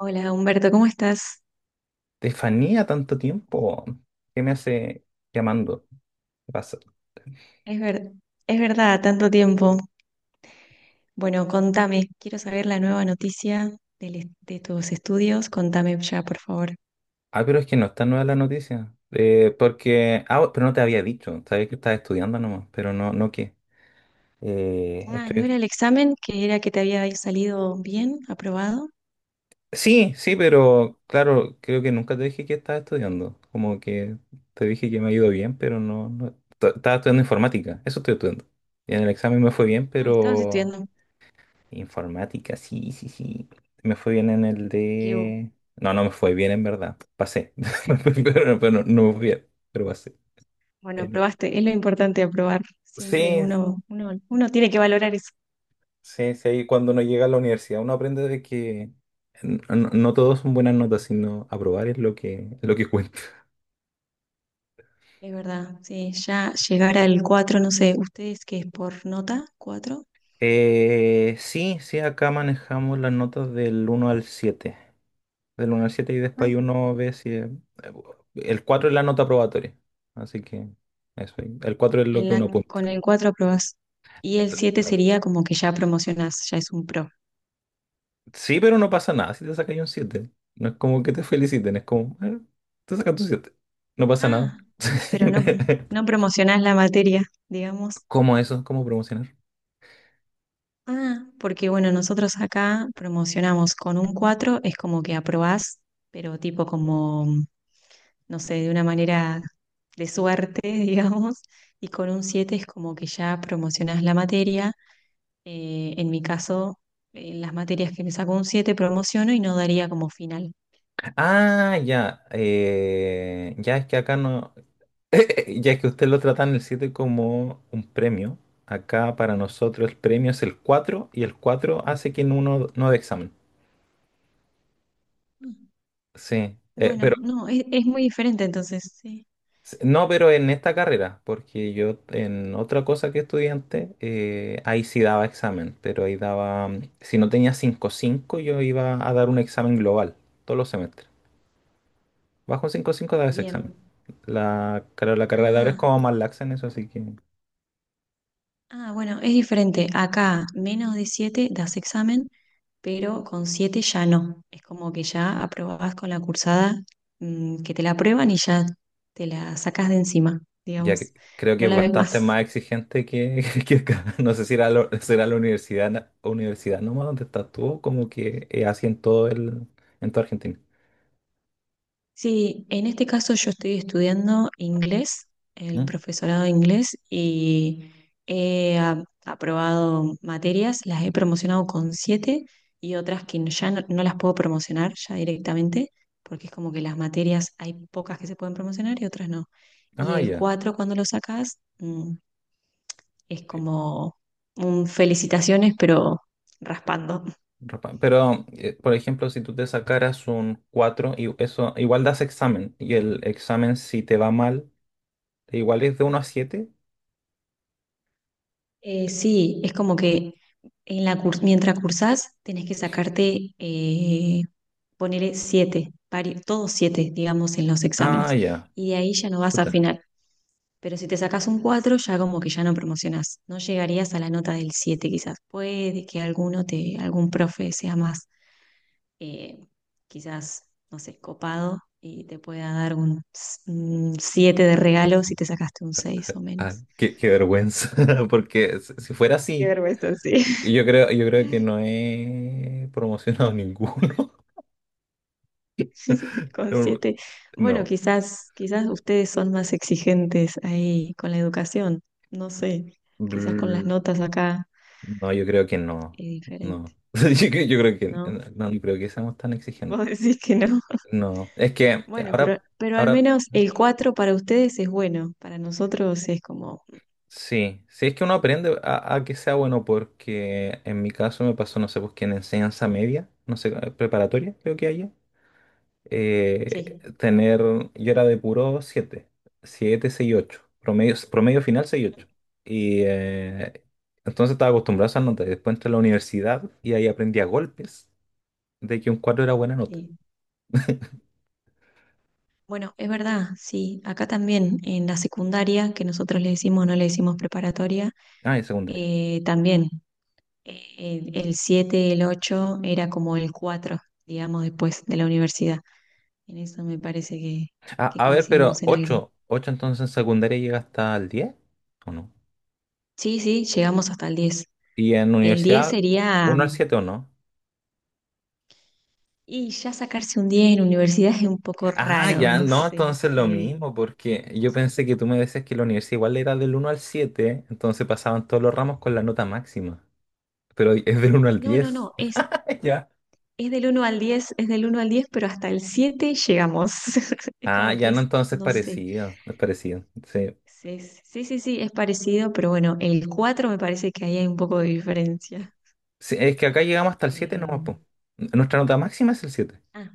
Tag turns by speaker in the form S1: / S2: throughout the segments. S1: Hola Humberto, ¿cómo estás?
S2: Estefanía, tanto tiempo. ¿Qué me hace llamando? ¿Qué pasa?
S1: Es ver- es verdad, tanto tiempo. Bueno, contame, quiero saber la nueva noticia de tus estudios, contame ya, por favor.
S2: Ah, pero es que no está nueva la noticia. Porque. Ah, oh, pero no te había dicho. Sabía que estás estudiando nomás, pero no qué.
S1: Ah, ¿no
S2: Estoy...
S1: era el examen que era que te había salido bien, aprobado?
S2: Sí, sí, pero claro, creo que nunca te dije que estaba estudiando. Como que te dije que me ha ido bien, pero no, no... Estaba estudiando informática, eso estoy estudiando. Y en el examen me fue bien,
S1: Ah, estabas
S2: pero
S1: estudiando.
S2: informática, sí, sí, sí. Me fue bien en el
S1: Qué bu-
S2: de... No, no me fue bien en verdad. Pasé. Pero no me fue bien, pero pasé.
S1: bueno,
S2: En-
S1: aprobaste, es lo importante aprobar. Siempre
S2: Sí,
S1: uno tiene que valorar eso.
S2: sí, sí. ahí Cuando uno llega a la universidad, uno aprende de que no todo son buenas notas, sino aprobar es lo que cuenta.
S1: Es verdad, sí, ya llegar al 4, no sé, ¿ustedes qué es por nota? 4.
S2: Sí, sí, acá manejamos las notas del uno al siete. Del uno al 7 y después ahí uno ve si... El 4 es la nota aprobatoria, así que eso. Ahí. El 4 es lo que uno
S1: Con
S2: apunta.
S1: el 4 aprobás. Y el siete
S2: Claro.
S1: sería como que ya promocionás, ya es un pro.
S2: Sí, pero no pasa nada si te sacas un siete. No es como que te feliciten, es como, te sacas tu 7, no pasa nada."
S1: Ah, pero no, no promocionás la materia, digamos.
S2: ¿Cómo eso? ¿Cómo promocionar?
S1: Ah, porque bueno, nosotros acá promocionamos con un 4 es como que aprobás, pero tipo como, no sé, de una manera de suerte, digamos. Y con un 7 es como que ya promocionás la materia. En mi caso, en las materias que me saco un 7 promociono y no daría como final.
S2: Ah, ya. Ya es que acá no. Ya es que usted lo trata en el 7 como un premio. Acá para nosotros el premio es el 4 y el 4 hace que uno no dé examen. Sí,
S1: Bueno,
S2: pero
S1: no, es muy diferente entonces. Sí.
S2: no, pero en esta carrera, porque yo en otra cosa que estudiante, ahí sí daba examen, pero ahí daba, si no tenía cinco cinco yo iba a dar un examen global todos los semestres. Bajo cinco cinco daba ese examen.
S1: Bien.
S2: La, claro, la carrera de ahora es
S1: Ah,
S2: como más laxa en eso, así que
S1: ah, bueno, es diferente. Acá menos de 7 das examen, pero con 7 ya no. Es como que ya aprobás con la cursada, que te la aprueban y ya te la sacás de encima,
S2: ya
S1: digamos.
S2: creo que
S1: No
S2: es
S1: la ves
S2: bastante
S1: más.
S2: más exigente que, que acá. No sé si era, será la universidad, universidad nomás donde estás tú, como que así en todo el, en toda Argentina.
S1: Sí, en este caso yo estoy estudiando inglés, el
S2: ¿Mm?
S1: profesorado de inglés, y aprobado materias, las he promocionado con siete y otras que no- ya no, no las puedo promocionar ya directamente, porque es como que las materias hay pocas que se pueden promocionar y otras no. Y
S2: Ah,
S1: el
S2: ya.
S1: cuatro cuando lo sacas, es como un felicitaciones, pero raspando.
S2: Ropa. Pero, por ejemplo, si tú te sacaras un 4 y eso, igual das examen. Y el examen, si te va mal, igual es de uno a siete.
S1: Sí, es como que mientras cursás tenés que sacarte, poner siete, todos siete, digamos, en los
S2: Ah,
S1: exámenes.
S2: ya.
S1: Y de ahí ya no vas a
S2: Chuta.
S1: final. Pero si te sacás un cuatro, ya como que ya no promocionás. No llegarías a la nota del siete, quizás. Puede que alguno te, algún profe sea más, eh, quizás, no sé, copado y te pueda dar un siete de regalo si te sacaste un seis o
S2: Ah,
S1: menos.
S2: qué vergüenza. Porque si fuera
S1: Qué
S2: así,
S1: vergüenza, sí.
S2: yo creo que no he promocionado ninguno.
S1: Con siete. Bueno,
S2: No.
S1: quizás, quizás ustedes son más exigentes ahí con la educación. No sé. Quizás con las
S2: Brr.
S1: notas acá
S2: No, yo creo que no.
S1: es diferente,
S2: No. Yo creo que
S1: ¿no?
S2: no, no creo que seamos tan
S1: Vos
S2: exigentes.
S1: decís que no.
S2: No. Es que
S1: Bueno,
S2: ahora.
S1: pero al
S2: Ahora
S1: menos el 4 para ustedes es bueno. Para nosotros es como,
S2: sí, sí es que uno aprende a que sea bueno porque en mi caso me pasó, no sé, pues que en enseñanza media, no sé, preparatoria creo que haya,
S1: sí,
S2: tener, yo era de puro 7, 7 6 8 promedio, promedio final 6 ocho. Y entonces estaba acostumbrado a esas notas. Después entré a la universidad y ahí aprendí a golpes de que un 4 era buena nota.
S1: sí. Bueno, es verdad, sí. Acá también en la secundaria, que nosotros le decimos, no le decimos preparatoria,
S2: Ah, en secundaria.
S1: también. El 7, el 8 era como el 4 digamos, después de la universidad. En eso me parece
S2: Ah,
S1: que
S2: a ver, pero
S1: coincidimos en algo.
S2: 8 8 entonces en secundaria llega hasta el diez, ¿o no?
S1: Sí, sí, llegamos hasta el diez.
S2: Y en
S1: El 10
S2: universidad,
S1: sería,
S2: uno al 7 o no.
S1: y ya sacarse un 10 en universidad es un poco
S2: Ah,
S1: raro,
S2: ya,
S1: no
S2: no,
S1: sé.
S2: entonces lo mismo, porque yo pensé que tú me decías que la universidad igual era del uno al 7, entonces pasaban todos los ramos con la nota máxima, pero es del uno al
S1: No, no,
S2: diez.
S1: no,
S2: Ya.
S1: es del uno al diez, es del uno al diez, pero hasta el 7 llegamos. Es
S2: Ah,
S1: como
S2: ya
S1: que
S2: no,
S1: es,
S2: entonces
S1: no sé.
S2: parecido, es parecido. Sí.
S1: Sí, sí, sí, sí, es parecido, pero bueno, el 4 me parece que ahí hay un poco de diferencia.
S2: Sí, es que acá llegamos hasta el 7, no,
S1: Eh,
S2: po. Nuestra nota máxima es el 7.
S1: Ah,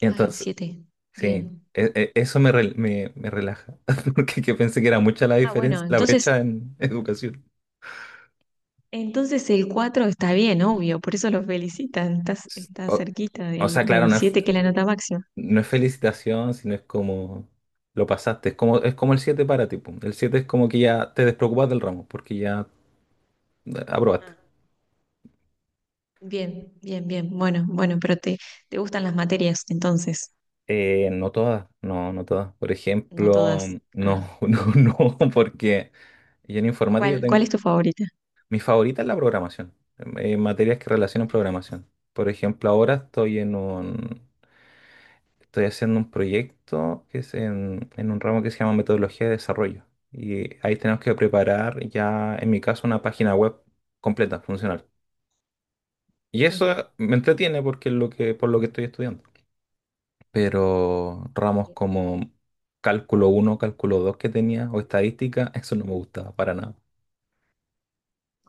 S2: Y
S1: Ah, el
S2: entonces,
S1: siete.
S2: sí,
S1: Bien.
S2: eso me, me, me relaja, porque que pensé que era mucha la
S1: Ah, bueno,
S2: diferencia, la
S1: entonces,
S2: brecha en educación.
S1: entonces el 4 está bien, obvio, por eso lo felicitan. Estás, está
S2: O,
S1: cerquita
S2: o
S1: del,
S2: sea, claro,
S1: del
S2: no es.
S1: 7 que es la nota máxima.
S2: No es felicitación, sino es como lo pasaste. Es como el 7 para ti. Pum. El 7 es como que ya te despreocupas del ramo, porque ya aprobaste.
S1: Ah, bien, bien, bien. Bueno, bueno, pero te gustan las materias, entonces,
S2: No todas, no, no todas. Por
S1: no
S2: ejemplo,
S1: todas. Ah,
S2: no, no, no, porque yo en informática
S1: ¿cuál, cuál
S2: tengo,
S1: es tu favorita?
S2: mi favorita es la programación, materias que relacionan
S1: Ah,
S2: programación. Por ejemplo, ahora estoy en un, estoy haciendo un proyecto que es en un ramo que se llama metodología de desarrollo. Y ahí tenemos que preparar ya, en mi caso, una página web completa, funcional. Y
S1: sí.
S2: eso me entretiene porque es lo que, por lo que estoy estudiando. Pero ramos
S1: Bien.
S2: como cálculo uno, cálculo 2 que tenía, o estadística, eso no me gustaba para nada.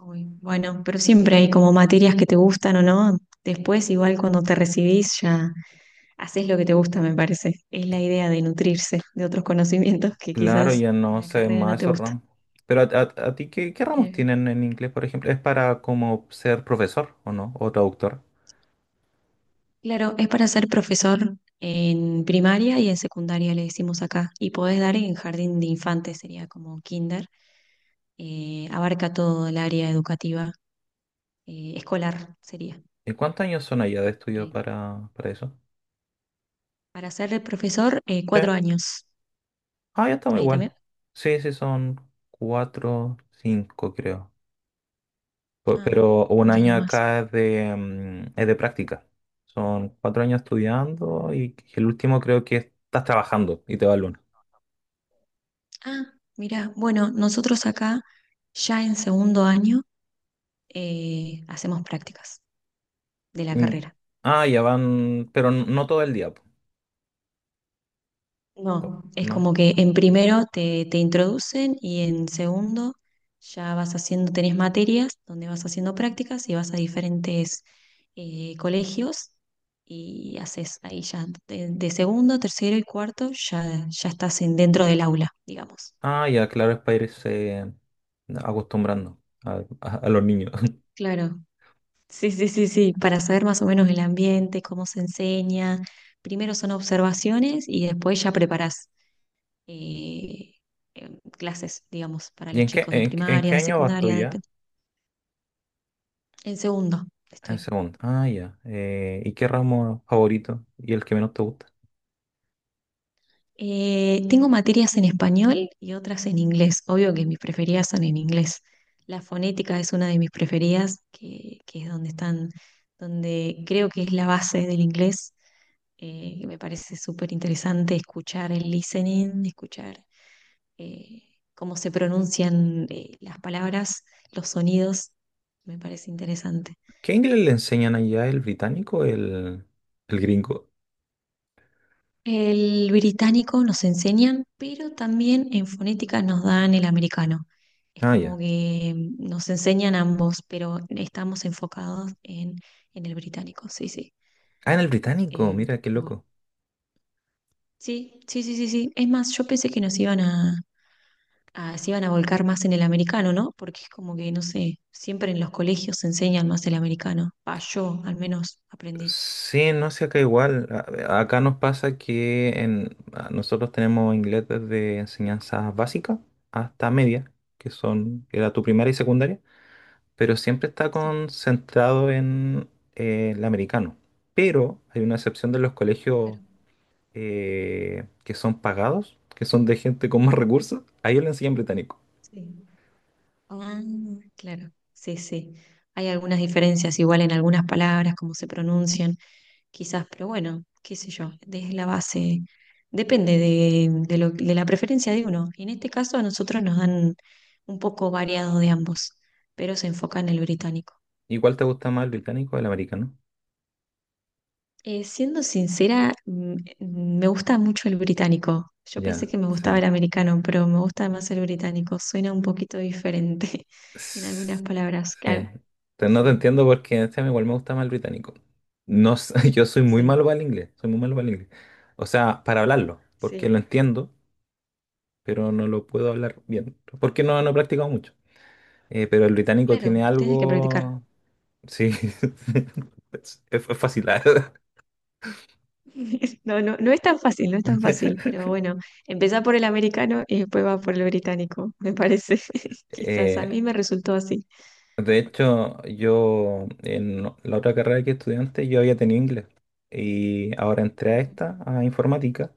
S1: Uy, bueno, pero siempre hay como materias que te gustan o no. Después, igual cuando te recibís, ya. Haces lo que te gusta, me parece. Es la idea de nutrirse de otros conocimientos que
S2: Claro,
S1: quizás
S2: ya
S1: en
S2: no
S1: la
S2: sé ven
S1: carrera no
S2: más
S1: te
S2: esos
S1: gusta.
S2: ramos. Pero a, a ti, ¿qué, qué ramos
S1: Eh,
S2: tienen en inglés, por ejemplo? ¿Es para como ser profesor o no? ¿O traductor?
S1: claro, es para ser profesor en primaria y en secundaria, le decimos acá. Y podés dar en jardín de infantes, sería como kinder. Abarca todo el área educativa, escolar sería.
S2: ¿Y cuántos años son allá de estudio
S1: Eh,
S2: para eso?
S1: para ser profesor,
S2: Sí.
S1: cuatro años.
S2: Ah, ya estamos
S1: Ahí también.
S2: igual. Sí, sí, son cuatro, cinco, creo.
S1: Ah,
S2: Pero un
S1: un
S2: año
S1: año más.
S2: acá es de, es de práctica. Son cuatro años estudiando y el último creo que estás trabajando y te va el lunes.
S1: Ah, mira, bueno, nosotros acá ya en segundo año hacemos prácticas de la
S2: Mm,
S1: carrera.
S2: ah, ya van, pero no todo el día, po. Oh,
S1: No, es
S2: ¿no?
S1: como que en primero te, te introducen y en segundo ya vas haciendo, tenés materias donde vas haciendo prácticas y vas a diferentes colegios y haces ahí ya de segundo, tercero y cuarto ya, ya estás en, dentro del aula, digamos.
S2: Ah, ya, claro, es para irse acostumbrando a, a los niños.
S1: Claro, sí, sí, sí, sí, para saber más o menos el ambiente, cómo se enseña. Primero son observaciones y después ya preparás eh, eh, clases, digamos, para
S2: ¿Y
S1: los
S2: en qué,
S1: chicos de
S2: en, qué en
S1: primaria,
S2: qué
S1: de
S2: año vas tú
S1: secundaria, de...
S2: ya?
S1: En segundo
S2: En
S1: estoy.
S2: segundo. Ah, ya. ¿Y qué ramo favorito y el que menos te gusta?
S1: Tengo materias en español y otras en inglés. Obvio que mis preferidas son en inglés. La fonética es una de mis preferidas, que es donde están, donde creo que es la base del inglés, que me parece súper interesante escuchar el listening, escuchar eh, cómo se pronuncian las palabras, los sonidos, me parece interesante.
S2: ¿Qué inglés le enseñan allá? ¿El británico o el gringo?
S1: El británico nos enseñan, pero también en fonética nos dan el americano. Es
S2: Ah,
S1: como
S2: ya.
S1: que nos enseñan ambos, pero estamos enfocados en el británico, sí, sí.
S2: Ah, en el británico, mira qué
S1: Pero bueno.
S2: loco.
S1: Sí, sí, sí, sí, sí. Es más, yo pensé que nos iban a, se iban a volcar más en el americano, ¿no? Porque es como que, no sé, siempre en los colegios se enseñan más el americano. Pa, yo al menos aprendí.
S2: Sí, no sé, acá igual. Acá nos pasa que en, nosotros tenemos inglés desde enseñanzas básicas hasta media, que son, era tu primaria y secundaria, pero siempre está
S1: Sí,
S2: concentrado en el americano. Pero hay una excepción de los colegios
S1: claro.
S2: que son pagados, que son de gente con más recursos, a ellos le enseñan británico.
S1: Sí. Ah, claro, sí, sí. Hay algunas diferencias igual en algunas palabras, cómo se pronuncian, quizás, pero bueno, qué sé yo, desde la base, depende de, de la preferencia de uno. Y en este caso a nosotros nos dan un poco variado de ambos, pero se enfoca en el británico.
S2: ¿Y cuál te gusta más, el británico o el americano?
S1: Siendo sincera, me gusta mucho el británico. Yo pensé
S2: Ya,
S1: que me gustaba
S2: sí.
S1: el americano, pero me gusta más el británico. Suena un poquito diferente en algunas
S2: S-
S1: palabras.
S2: sí.
S1: Claro,
S2: Te- No te
S1: sí,
S2: entiendo porque este a mí igual me gusta más el británico. No, sé, yo soy muy malo
S1: sí.
S2: para el inglés, soy muy malo para el inglés. O sea, para hablarlo, porque
S1: Sí,
S2: lo entiendo, pero no lo puedo hablar bien, porque no, no he practicado mucho. Pero el británico
S1: claro,
S2: tiene
S1: tienes que practicar.
S2: algo... Sí, es fácil.
S1: No, no, no es tan fácil, no es tan fácil, pero bueno, empezá por el americano y después va por el británico, me parece. Quizás a
S2: Eh,
S1: mí me resultó así.
S2: De hecho, yo en la otra carrera que estudiante yo había tenido inglés y ahora entré a
S1: Ujú,
S2: esta, a informática,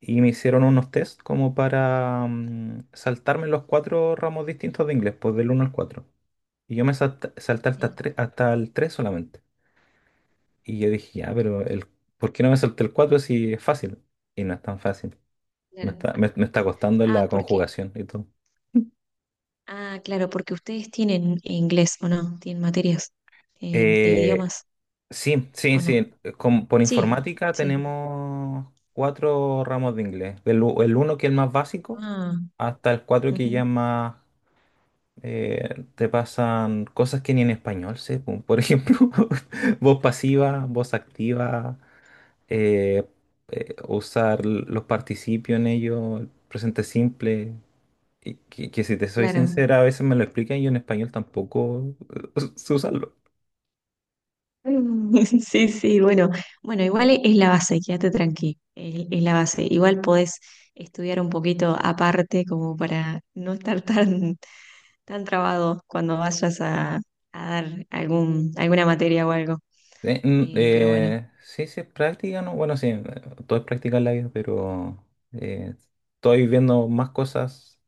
S2: y me hicieron unos test como para saltarme los cuatro ramos distintos de inglés, pues del uno al cuatro. Y yo me salté hasta,
S1: sí,
S2: hasta el 3 solamente. Y yo dije, ya, pero el, ¿por qué no me salté el 4 si es fácil? Y no es tan fácil. Me
S1: claro.
S2: está, me está costando
S1: Ah,
S2: la
S1: porque,
S2: conjugación y todo.
S1: ah, claro, porque ustedes tienen inglés o no, tienen materias de
S2: Eh,
S1: idiomas
S2: Sí, sí,
S1: o no.
S2: sí. Por
S1: Sí,
S2: informática
S1: sí.
S2: tenemos cuatro ramos de inglés. El, uno que es el más básico,
S1: Ah,
S2: hasta el cuatro que ya es
S1: ujú,
S2: más te pasan cosas que ni en español sé. Po. Por ejemplo, voz pasiva, voz activa, eh, usar los participios en ello, el presente simple. Que si te soy
S1: claro.
S2: sincera, a veces me lo explican y yo en español tampoco sé usarlo.
S1: Mm, sí, sí, bueno, bueno, igual es la base, quédate tranqui, es la base. Igual podés estudiar un poquito aparte como para no estar tan, tan trabado cuando vayas a dar algún, alguna materia o algo. Pero bueno,
S2: Sí, sí, es práctica, ¿no? Bueno, sí, todo es práctica en la vida, pero eh, estoy viendo más cosas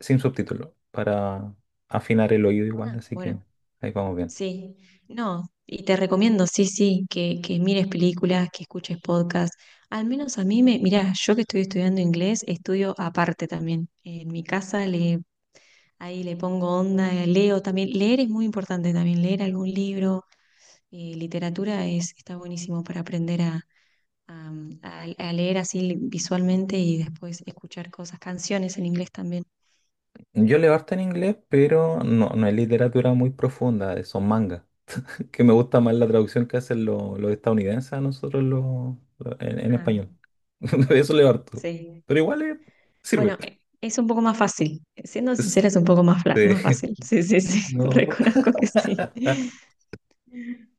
S2: sin subtítulos para afinar el oído igual,
S1: ah,
S2: así que
S1: bueno,
S2: ahí vamos bien.
S1: sí, no, y te recomiendo, sí, sí, que mires películas, que escuches podcasts. Al menos a mí me, mirá, yo que estoy estudiando inglés, estudio aparte también. En mi casa ahí le pongo onda, leo también. Leer es muy importante también, leer algún libro. Literatura es, está buenísimo para aprender a, a- a leer así visualmente y después escuchar cosas, canciones en inglés también.
S2: Yo leo harto en inglés, pero no, no es literatura muy profunda, son mangas, que me gusta más la traducción que hacen los estadounidenses a nosotros los, en
S1: Ah,
S2: español. De eso leo harto,
S1: sí.
S2: pero igual sirve.
S1: Bueno, es un poco más fácil. Siendo sincera, es un poco más, más
S2: Este,
S1: fácil. Sí, sí, sí,
S2: no.
S1: reconozco que sí.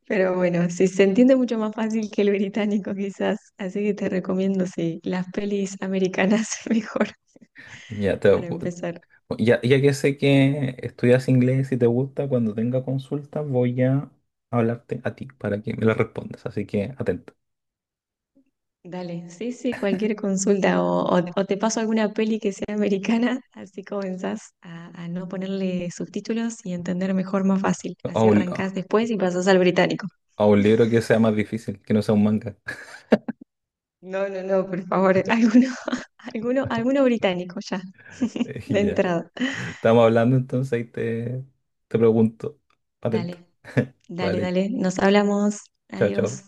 S1: Pero bueno, sí, se entiende mucho más fácil que el británico quizás. Así que te recomiendo, sí, las pelis americanas mejor
S2: Ya, te,
S1: para empezar.
S2: ya, ya que sé que estudias inglés y te gusta, cuando tenga consultas voy a hablarte a ti para que me la respondas. Así que atento.
S1: Dale, sí, sí, cualquier consulta o te paso alguna peli que sea americana, así comenzás a no ponerle subtítulos y entender mejor más fácil. Así
S2: A
S1: arrancás después y pasás al británico.
S2: un libro que sea más difícil, que no sea un manga.
S1: No, no, no, por favor, alguno británico ya,
S2: Y
S1: de
S2: ya.
S1: entrada.
S2: Estamos hablando entonces y te pregunto. Atento.
S1: Dale, dale,
S2: Vale.
S1: dale, nos hablamos,
S2: Chao,
S1: adiós.
S2: chao.